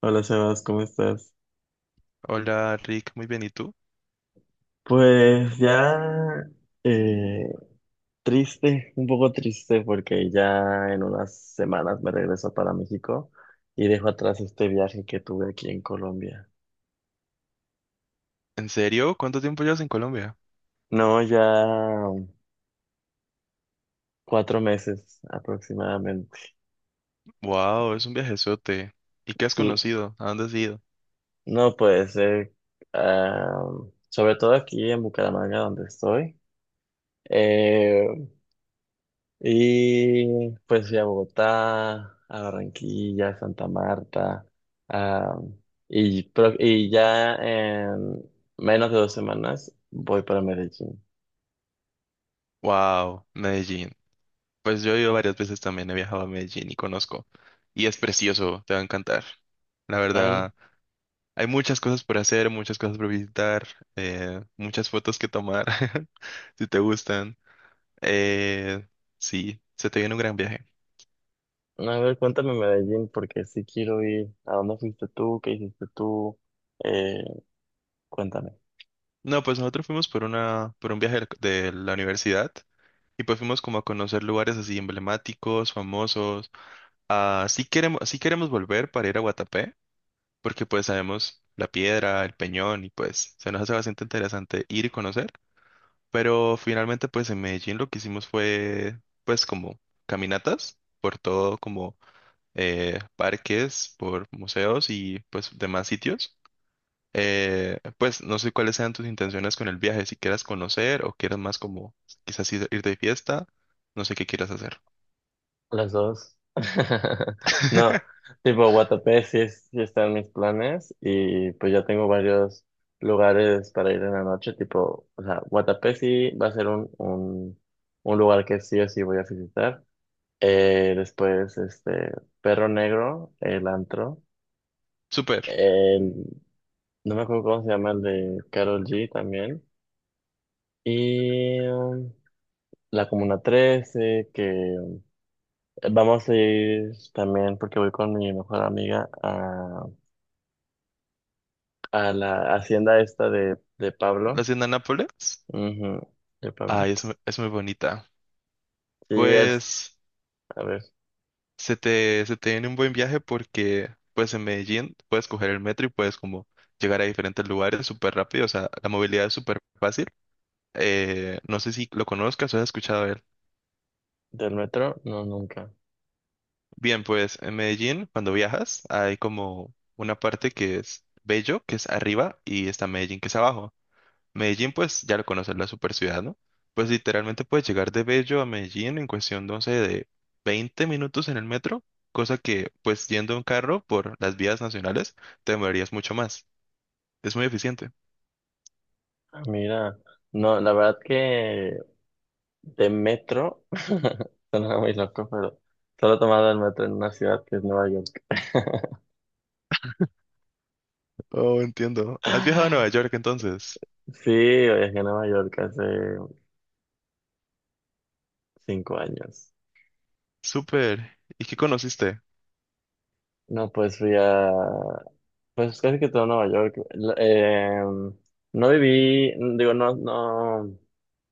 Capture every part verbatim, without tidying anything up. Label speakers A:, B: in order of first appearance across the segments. A: Hola Sebas, ¿cómo estás?
B: Hola Rick, muy bien, ¿y tú?
A: Pues ya eh, triste, un poco triste porque ya en unas semanas me regreso para México y dejo atrás este viaje que tuve aquí en Colombia.
B: ¿En serio? ¿Cuánto tiempo llevas en Colombia?
A: No, ya cuatro meses aproximadamente.
B: Wow, es un viajezote. ¿Y qué has
A: Sí,
B: conocido? ¿A dónde has ido?
A: no puede ser. ah, Sobre todo aquí en Bucaramanga donde estoy. eh, Y pues fui a Bogotá, a Barranquilla, a Santa Marta, ah, y, pro- y ya en menos de dos semanas voy para Medellín.
B: Wow, Medellín. Pues yo he ido varias veces también, he viajado a Medellín y conozco. Y es precioso, te va a encantar. La
A: Ay,
B: verdad, hay muchas cosas por hacer, muchas cosas por visitar, eh, muchas fotos que tomar, si te gustan. Eh, sí, se te viene un gran viaje.
A: a ver, cuéntame Medellín porque sí quiero ir. ¿A dónde fuiste tú? ¿Qué hiciste tú? Eh, cuéntame.
B: No, pues nosotros fuimos por una, por un viaje de la universidad. Y pues fuimos como a conocer lugares así emblemáticos, famosos. Ah, sí queremos, sí queremos volver para ir a Guatapé, porque pues sabemos la piedra, el peñón y pues se nos hace bastante interesante ir y conocer. Pero finalmente pues en Medellín lo que hicimos fue pues como caminatas por todo como, eh, parques, por museos y pues demás sitios. Eh, pues no sé cuáles sean tus intenciones con el viaje, si quieras conocer o quieras más como quizás ir ir de fiesta, no sé qué quieras hacer.
A: Las dos. No, tipo Guatapé sí, es- sí está en mis planes y pues ya tengo varios lugares para ir en la noche, tipo, o sea, Guatapé sí va a ser un, un, un lugar que sí o sí voy a visitar. Eh, después, este, Perro Negro, el antro.
B: Súper.
A: El- no me acuerdo cómo se llama el de Carol Ye también. Y um, la Comuna Trece que vamos a ir también, porque voy con mi mejor amiga a, a la hacienda esta de, de
B: La
A: Pablo.
B: hacienda Nápoles.
A: Ujú, de
B: Ay,
A: Pablito.
B: es, mu- es muy bonita.
A: Sí, él,
B: Pues
A: a ver,
B: se te, se te viene un buen viaje porque pues en Medellín puedes coger el metro y puedes como llegar a diferentes lugares súper rápido. O sea, la movilidad es súper fácil. Eh, no sé si lo conozcas o has escuchado de él.
A: del metro, no, nunca.
B: Bien, pues en Medellín, cuando viajas, hay como una parte que es Bello, que es arriba, y está Medellín, que es abajo. Medellín, pues ya lo conoces, la super ciudad, ¿no? Pues literalmente puedes llegar de Bello a Medellín en cuestión de, no sé, de veinte minutos en el metro, cosa que, pues yendo en carro por las vías nacionales, te demorarías mucho más. Es muy eficiente.
A: Ah, mira, no, la verdad que de metro, suena muy loco, pero solo he tomado el metro en una ciudad que es Nueva York.
B: Oh, entiendo. ¿Has viajado a Nueva York entonces?
A: Sí, viajé a Nueva York hace cinco años.
B: Súper. ¿Y qué conociste?
A: No, pues fui a, pues casi que todo Nueva York. L- eh, no viví, digo, no, no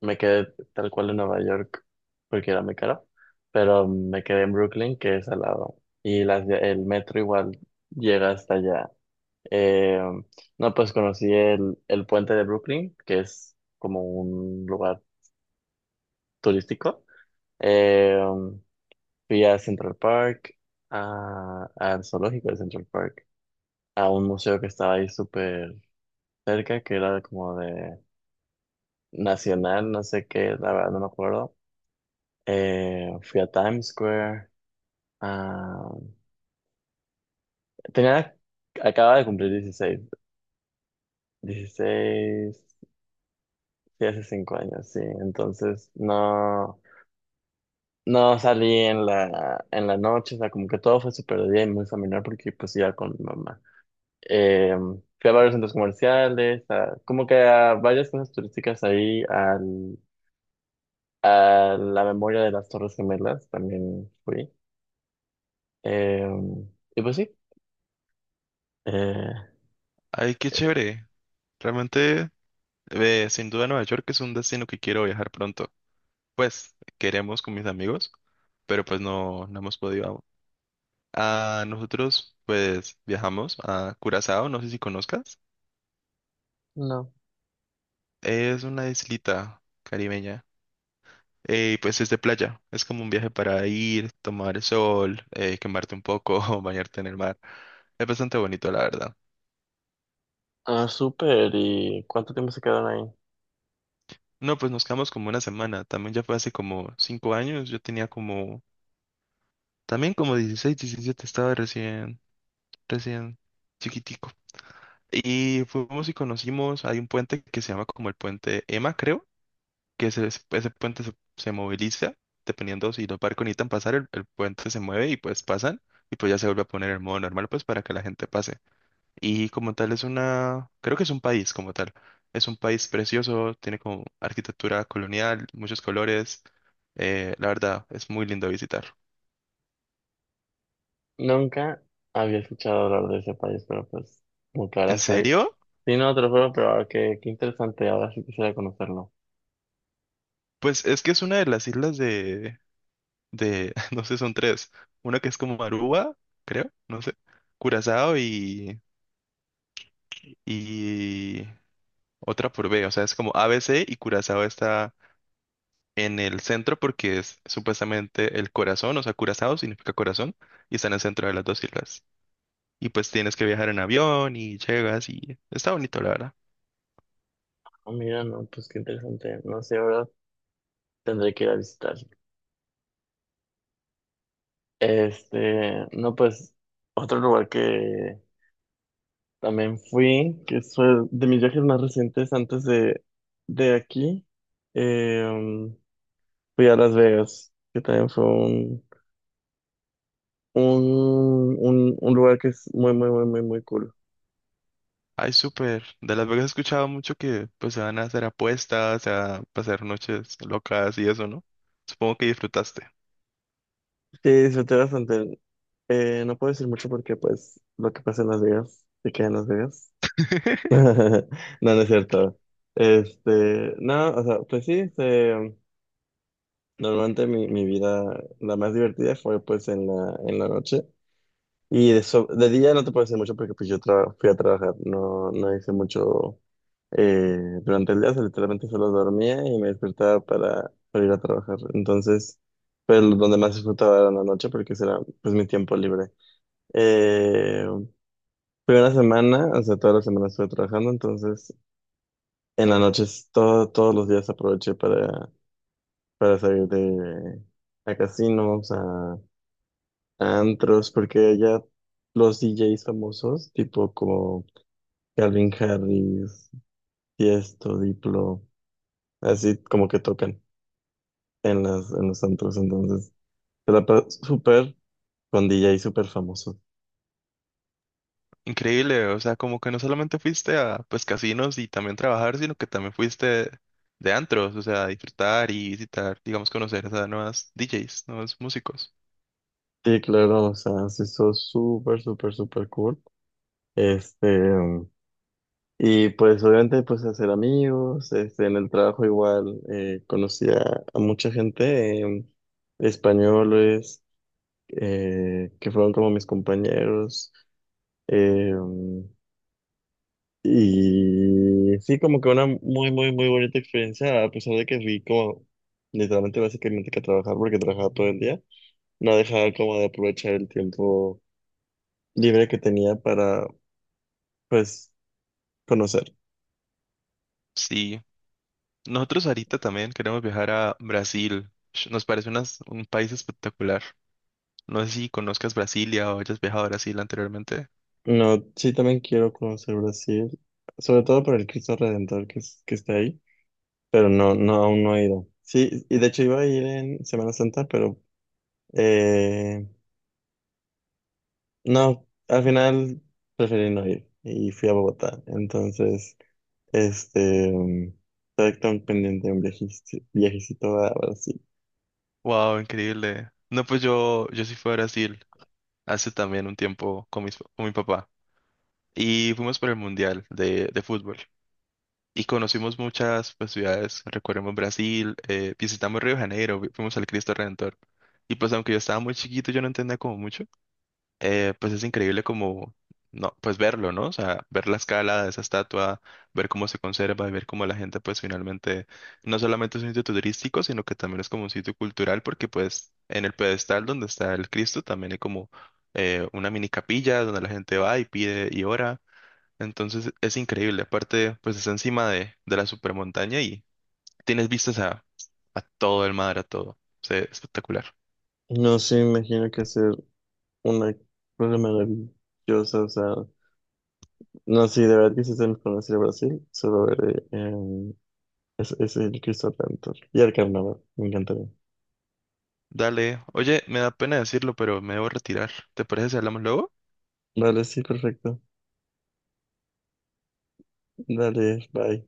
A: me quedé tal cual en Nueva York porque era muy caro, pero me quedé en Brooklyn, que es al lado, y las, el metro igual llega hasta allá. Eh, no, pues conocí el, el puente de Brooklyn, que es como un lugar turístico. Eh, Fui a Central Park, a, al zoológico de Central Park, a un museo que estaba ahí súper cerca, que era como de Nacional, no sé qué, la verdad no me acuerdo. Eh, fui a Times Square. ah, Tenía, acababa de cumplir dieciséis dieciséis sí, hace cinco años, sí. Entonces no, no salí en la, en la noche, o sea, como que todo fue súper de día y muy familiar porque pues iba con mi mamá. Eh, Fui a varios centros comerciales, a- como que a varias cosas turísticas ahí, al a la memoria de las Torres Gemelas también fui. Eh, y pues sí. Eh,
B: Ay, qué
A: eh,
B: chévere. Realmente, eh, sin duda Nueva York es un destino que quiero viajar pronto. Pues queremos con mis amigos, pero pues no, no hemos podido. Ah, nosotros pues viajamos a Curazao, no sé si conozcas.
A: no.
B: Es una islita caribeña. eh, Y pues es de playa. Es como un viaje para ir, tomar el sol, eh, quemarte un poco, bañarte en el mar. Es bastante bonito, la verdad.
A: Ah, súper. ¿Y cuánto tiempo se quedaron ahí?
B: No, pues nos quedamos como una semana. También ya fue hace como cinco años. Yo tenía como, también como dieciséis diecisiete estaba recién, recién chiquitico. Y fuimos y conocimos, hay un puente que se llama como el puente Emma, creo que ese, ese puente se, se moviliza, dependiendo si los barcos necesitan pasar, el, el puente se mueve y pues pasan, y pues ya se vuelve a poner en modo normal, pues para que la gente pase. Y como tal es una, creo que es un país como tal, es un país precioso, tiene como arquitectura colonial, muchos colores, eh, la verdad, es muy lindo visitar.
A: Nunca había escuchado hablar de ese país, pero pues, como que ahora
B: ¿En
A: está ahí.
B: serio?
A: Sí, no, te lo juro, pero ahora qué, qué interesante. Ahora sí quisiera conocerlo.
B: Pues es que es una de las islas de, de, no sé, son tres, una que es como Aruba, creo, no sé, Curazao y, y otra por B. O sea, es como A B C y Curazao está en el centro porque es supuestamente el corazón. O sea, Curazao significa corazón y está en el centro de las dos islas. Y pues tienes que viajar en avión y llegas y está bonito, la verdad.
A: Ah, mira, no, pues qué interesante. No sé, ahora tendré que ir a visitar. Este, no, pues, otro lugar que también fui, que fue de mis viajes más recientes antes de, de aquí. eh, um, Fui a Las Vegas, que también fue un, un, un, un lugar que es muy, muy, muy, muy, muy cool.
B: Ay, súper. De Las Vegas he escuchado mucho que pues se van a hacer apuestas, se van a pasar noches locas y eso, ¿no? Supongo que disfrutaste.
A: Sí, disfruté bastante. Eh, no puedo decir mucho porque, pues, lo que pasa en Las Vegas se queda en Las Vegas. No, no es cierto. Este, no, o sea, pues sí, este, normalmente mi, mi vida, la más divertida fue, pues, en la, en la noche. Y de, so- de día no te puedo decir mucho porque pues yo tra- fui a trabajar, no, no hice mucho eh, durante el día, o sea, literalmente solo dormía y me despertaba para, para ir a trabajar. Entonces, pero donde más disfrutaba era en la noche porque ese era pues mi tiempo libre. Eh, Fui una semana, o sea, toda la semana estuve trabajando, entonces en las noches todo, todos los días aproveché para, para salir de, a casinos, a, a antros, porque ya los D DJs famosos, tipo como... Calvin Harris, Tiesto, Diplo, así como que tocan en las, en los antros, entonces se la pa- súper con D J súper famoso.
B: Increíble, o sea, como que no solamente fuiste a pues casinos y también trabajar, sino que también fuiste de antros, o sea, a disfrutar y visitar, digamos, conocer a nuevas D Js, nuevos músicos.
A: Sí, claro, o sea, se hizo súper, súper, súper cool. Este, y pues obviamente pues hacer amigos, este, en el trabajo igual eh, conocí a, a mucha gente, eh, españoles, eh, que fueron como mis compañeros. eh, Y sí, como que una muy, muy, muy bonita experiencia, a pesar de que fui como literalmente, básicamente que a trabajar, porque trabajaba todo el día, no dejaba como de aprovechar el tiempo libre que tenía para, pues, conocer.
B: Sí, nosotros ahorita también queremos viajar a Brasil. Sh- Nos parece unas- un país espectacular. No sé si conozcas Brasilia o hayas viajado a Brasil anteriormente.
A: No, sí, también quiero conocer Brasil, sobre todo por el Cristo Redentor que, es- que está ahí, pero no, no, aún no he ido. Sí, y de hecho iba a ir en Semana Santa, pero eh, no, al final preferí no ir y fui a Bogotá, entonces... Este, está tan pendiente un viajecito, viajecito a Brasil.
B: Wow, increíble. No, pues yo, yo sí fui a Brasil hace también un tiempo con mis- con mi papá y fuimos por el Mundial de, de fútbol. Y conocimos muchas pues, ciudades, recorrimos Brasil, eh, visitamos Río de Janeiro, vi- fuimos al Cristo Redentor. Y pues aunque yo estaba muy chiquito, yo no entendía como mucho, eh, pues es increíble como, no, pues verlo, ¿no? O sea, ver la escala de esa estatua, ver cómo se conserva, y ver cómo la gente pues finalmente, no solamente es un sitio turístico, sino que también es como un sitio cultural, porque pues en el pedestal donde está el Cristo también hay como, eh, una mini capilla donde la gente va y pide y ora. Entonces es increíble. Aparte, pues está encima de, de la supermontaña y tienes vistas a, a todo el mar, a todo. O sea, espectacular.
A: No sé, me imagino que hacer una cosa maravillosa, o sea, no sé, de verdad que si se me conoce Brasil, solo veré em, es, es el Cristo Redentor y el carnaval, me encantaría.
B: Dale. Oye, me da pena decirlo, pero me debo retirar. ¿Te parece si hablamos luego?
A: Vale, sí, perfecto. Dale, bye.